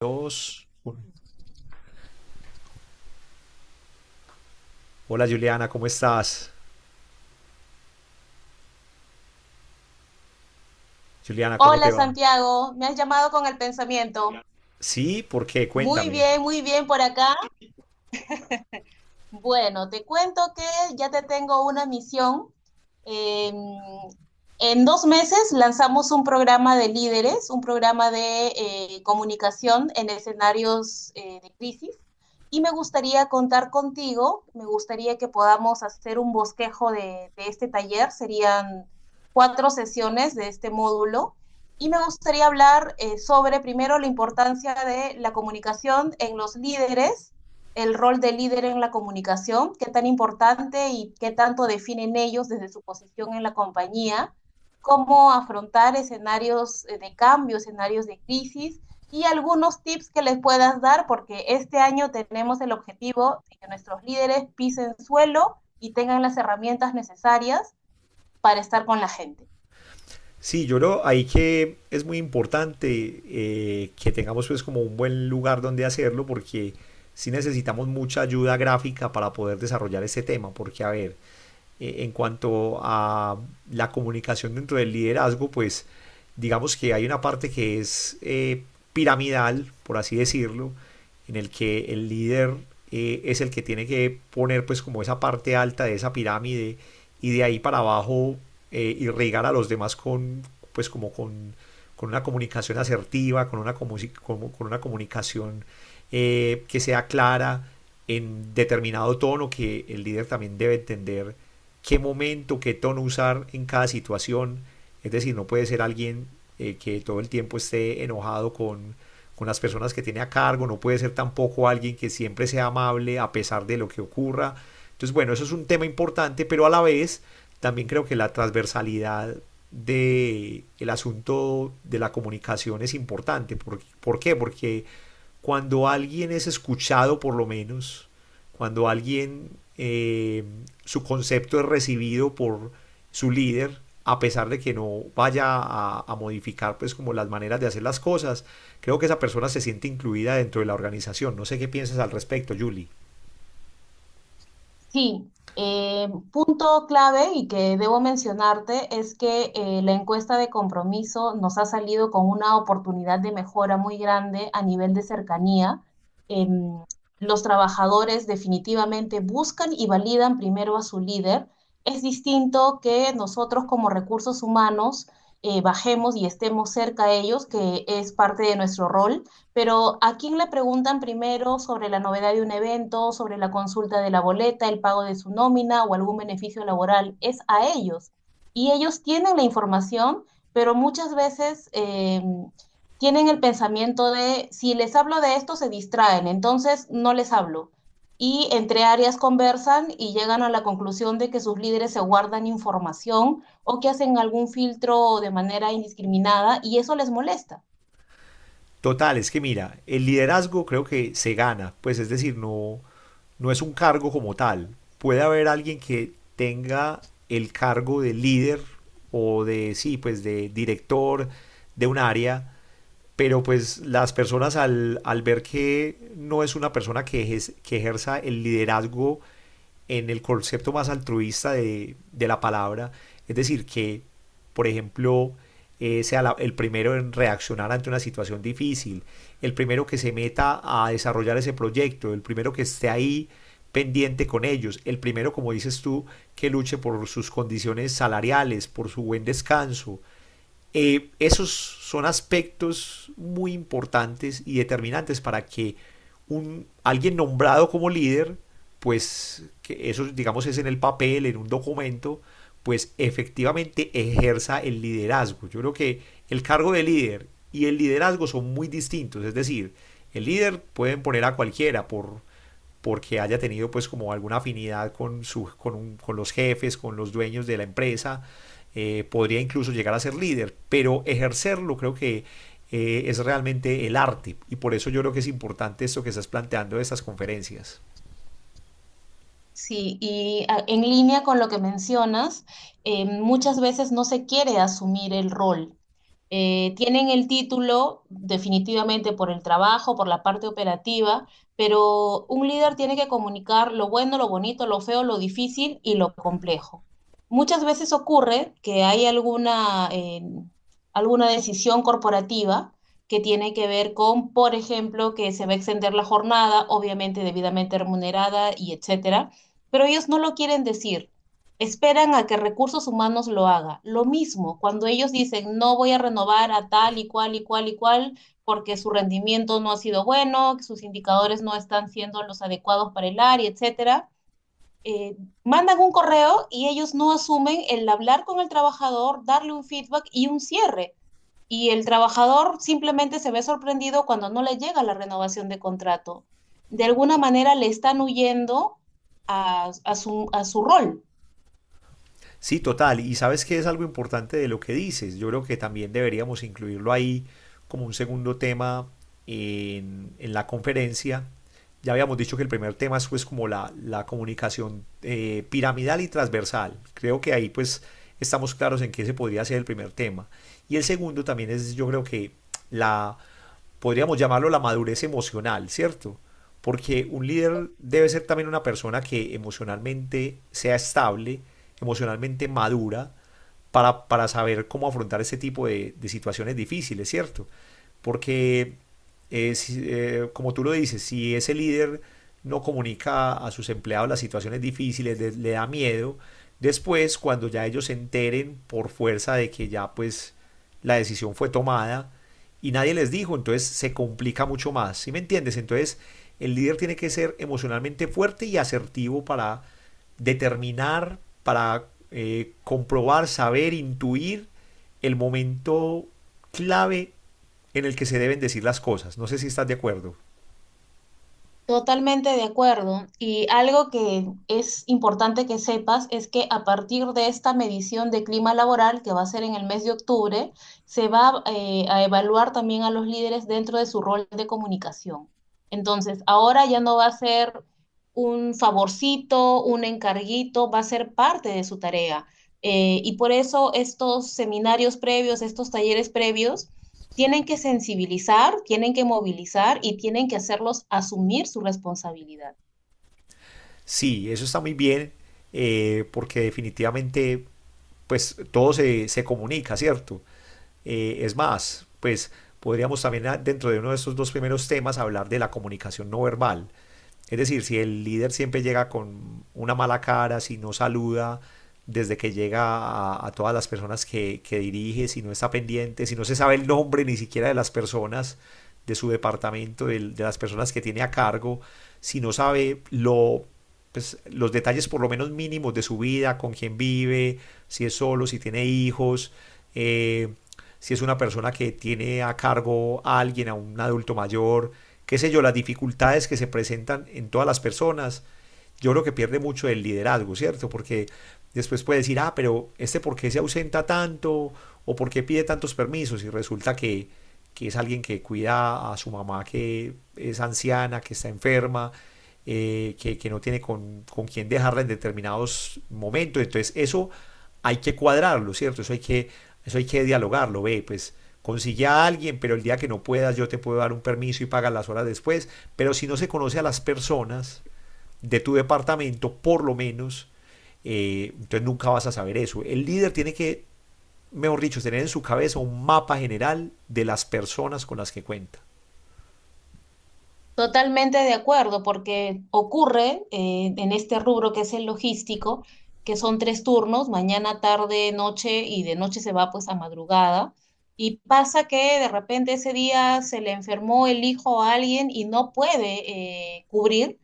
Dos. Hola Juliana, ¿cómo estás? Juliana, ¿cómo te Hola va? Santiago, me has llamado con el pensamiento. Sí, ¿por qué? Cuéntame. Muy bien por acá, bueno, te cuento que ya te tengo una misión. Eh, en 2 meses lanzamos un programa de líderes, un programa de comunicación en escenarios de crisis. Y me gustaría contar contigo, me gustaría que podamos hacer un bosquejo de este taller. Serían 4 sesiones de este módulo. Y me gustaría hablar sobre, primero, la importancia de la comunicación en los líderes, el rol de líder en la comunicación, qué tan importante y qué tanto definen ellos desde su posición en la compañía, cómo afrontar escenarios de cambio, escenarios de crisis y algunos tips que les puedas dar, porque este año tenemos el objetivo de que nuestros líderes pisen suelo y tengan las herramientas necesarias para estar con la gente. Sí, yo lo, ahí que es muy importante, que tengamos pues como un buen lugar donde hacerlo porque sí necesitamos mucha ayuda gráfica para poder desarrollar este tema, porque a ver, en cuanto a la comunicación dentro del liderazgo, pues digamos que hay una parte que es piramidal, por así decirlo, en el que el líder es el que tiene que poner pues como esa parte alta de esa pirámide y de ahí para abajo, irrigar a los demás con pues como con una comunicación asertiva, con una comunicación que sea clara, en determinado tono, que el líder también debe entender qué momento, qué tono usar en cada situación. Es decir, no puede ser alguien que todo el tiempo esté enojado con las personas que tiene a cargo. No puede ser tampoco alguien que siempre sea amable a pesar de lo que ocurra. Entonces, bueno, eso es un tema importante, pero a la vez también creo que la transversalidad de el asunto de la comunicación es importante. ¿Por qué? Porque cuando alguien es escuchado, por lo menos, cuando alguien eh, su concepto es recibido por su líder, a pesar de que no vaya a modificar pues como las maneras de hacer las cosas, creo que esa persona se siente incluida dentro de la organización. No sé qué piensas al respecto, Julie. Sí, punto clave y que debo mencionarte es que la encuesta de compromiso nos ha salido con una oportunidad de mejora muy grande a nivel de cercanía. Em, los trabajadores definitivamente buscan y validan primero a su líder. Es distinto que nosotros como recursos humanos bajemos y estemos cerca a ellos, que es parte de nuestro rol, pero ¿a quién le preguntan primero sobre la novedad de un evento, sobre la consulta de la boleta, el pago de su nómina o algún beneficio laboral? Es a ellos. Y ellos tienen la información, pero muchas veces tienen el pensamiento de, si les hablo de esto, se distraen, entonces no les hablo. Y entre áreas conversan y llegan a la conclusión de que sus líderes se guardan información o que hacen algún filtro de manera indiscriminada y eso les molesta. Total, es que mira, el liderazgo creo que se gana, pues es decir, no, no es un cargo como tal. Puede haber alguien que tenga el cargo de líder o de, sí, pues de director de un área, pero pues las personas al ver que no es una persona que, que ejerza el liderazgo en el concepto más altruista de la palabra, es decir, que, por ejemplo, sea el primero en reaccionar ante una situación difícil, el primero que se meta a desarrollar ese proyecto, el primero que esté ahí pendiente con ellos, el primero, como dices tú, que luche por sus condiciones salariales, por su buen descanso. Esos son aspectos muy importantes y determinantes para que alguien nombrado como líder, pues que eso digamos es en el papel, en un documento, pues efectivamente ejerza el liderazgo. Yo creo que el cargo de líder y el liderazgo son muy distintos, es decir, el líder pueden poner a cualquiera porque haya tenido pues como alguna afinidad con los jefes, con los dueños de la empresa. Podría incluso llegar a ser líder, pero ejercerlo creo que es realmente el arte, y por eso yo creo que es importante esto que estás planteando de estas conferencias. Sí, y en línea con lo que mencionas, muchas veces no se quiere asumir el rol. Tienen el título definitivamente por el trabajo, por la parte operativa, pero un líder tiene que comunicar lo bueno, lo bonito, lo feo, lo difícil y lo complejo. Muchas veces ocurre que hay alguna decisión corporativa que tiene que ver con, por ejemplo, que se va a extender la jornada, obviamente debidamente remunerada y etcétera, pero ellos no lo quieren decir. Esperan a que recursos humanos lo haga. Lo mismo, cuando ellos dicen, no voy a renovar a tal y cual y cual y cual porque su rendimiento no ha sido bueno, que sus indicadores no están siendo los adecuados para el área, etcétera, eh, mandan un correo y ellos no asumen el hablar con el trabajador, darle un feedback y un cierre. Y el trabajador simplemente se ve sorprendido cuando no le llega la renovación de contrato. De alguna manera le están huyendo a su rol. Sí, total. Y sabes que es algo importante de lo que dices. Yo creo que también deberíamos incluirlo ahí como un segundo tema en la conferencia. Ya habíamos dicho que el primer tema es pues como la comunicación piramidal y transversal. Creo que ahí pues estamos claros en qué se podría ser el primer tema. Y el segundo también es, yo creo que la podríamos llamarlo la madurez emocional, ¿cierto? Porque un líder debe ser también una persona que emocionalmente sea estable, emocionalmente madura, para saber cómo afrontar este tipo de situaciones difíciles, ¿cierto? Porque, si, como tú lo dices, si ese líder no comunica a sus empleados las situaciones difíciles, le da miedo, después cuando ya ellos se enteren por fuerza de que ya pues la decisión fue tomada, y nadie les dijo, entonces se complica mucho más, ¿sí me entiendes? Entonces el líder tiene que ser emocionalmente fuerte y asertivo para determinar, para comprobar, saber, intuir el momento clave en el que se deben decir las cosas. No sé si estás de acuerdo. Totalmente de acuerdo. Y algo que es importante que sepas es que a partir de esta medición de clima laboral, que va a ser en el mes de octubre, se va a evaluar también a los líderes dentro de su rol de comunicación. Entonces, ahora ya no va a ser un favorcito, un encarguito, va a ser parte de su tarea. Y por eso estos seminarios previos, estos talleres previos, tienen que sensibilizar, tienen que movilizar y tienen que hacerlos asumir su responsabilidad. Sí, eso está muy bien. Porque definitivamente, pues todo se comunica, ¿cierto? Es más, pues podríamos también ah, dentro de uno de estos dos primeros temas hablar de la comunicación no verbal. Es decir, si el líder siempre llega con una mala cara, si no saluda desde que llega a todas las personas que dirige, si no está pendiente, si no se sabe el nombre ni siquiera de las personas de su departamento, las personas que tiene a cargo, si no sabe lo pues, los detalles por lo menos mínimos de su vida, con quién vive, si es solo, si tiene hijos, eh, si es una persona que tiene a cargo a alguien, a un adulto mayor, qué sé yo, las dificultades que se presentan en todas las personas. Yo creo que pierde mucho el liderazgo, ¿cierto? Porque después puede decir, ah, pero este por qué se ausenta tanto o por qué pide tantos permisos, y resulta que es alguien que cuida a su mamá que es anciana, que está enferma, no tiene con quién dejarla en determinados momentos. Entonces eso hay que cuadrarlo, ¿cierto? Eso hay que dialogarlo. Ve, pues consigue a alguien, pero el día que no puedas yo te puedo dar un permiso y pagar las horas después. Pero si no se conoce a las personas de tu departamento, por lo menos, entonces nunca vas a saber eso. El líder tiene que, mejor dicho, tener en su cabeza un mapa general de las personas con las que cuenta. Totalmente de acuerdo, porque ocurre en este rubro que es el logístico, que son 3 turnos, mañana, tarde, noche, y de noche se va pues a madrugada. Y pasa que de repente ese día se le enfermó el hijo a alguien y no puede cubrir.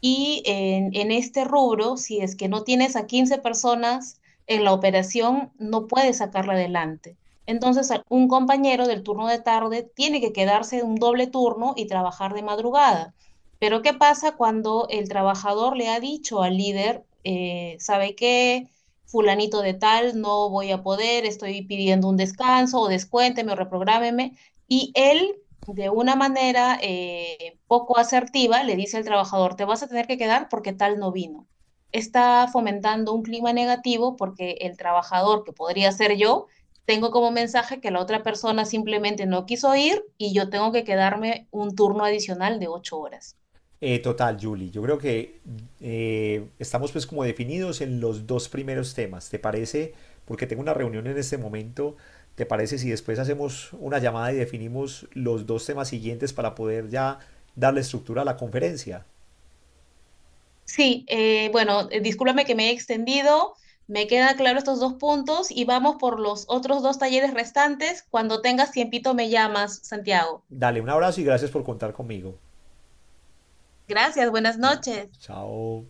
Y en este rubro, si es que no tienes a 15 personas en la operación, no puedes sacarla adelante. Entonces, un compañero del turno de tarde tiene que quedarse un doble turno y trabajar de madrugada. Pero ¿qué pasa cuando el trabajador le ha dicho al líder, ¿sabe qué? Fulanito de tal, no voy a poder, estoy pidiendo un descanso o descuénteme o reprográmeme. Y él, de una manera poco asertiva, le dice al trabajador, te vas a tener que quedar porque tal no vino. Está fomentando un clima negativo porque el trabajador, que podría ser yo, tengo como mensaje que la otra persona simplemente no quiso ir y yo tengo que quedarme un turno adicional de 8 horas. Total, Julie, yo creo que estamos pues como definidos en los dos primeros temas. ¿Te parece? Porque tengo una reunión en este momento. ¿Te parece si después hacemos una llamada y definimos los dos temas siguientes para poder ya darle estructura a la conferencia? Sí, bueno, discúlpame que me he extendido, me quedan claros estos dos puntos y vamos por los otros dos talleres restantes. Cuando tengas tiempito me llamas, Santiago. Dale un abrazo y gracias por contar conmigo. Gracias, buenas Chao. noches. Chao.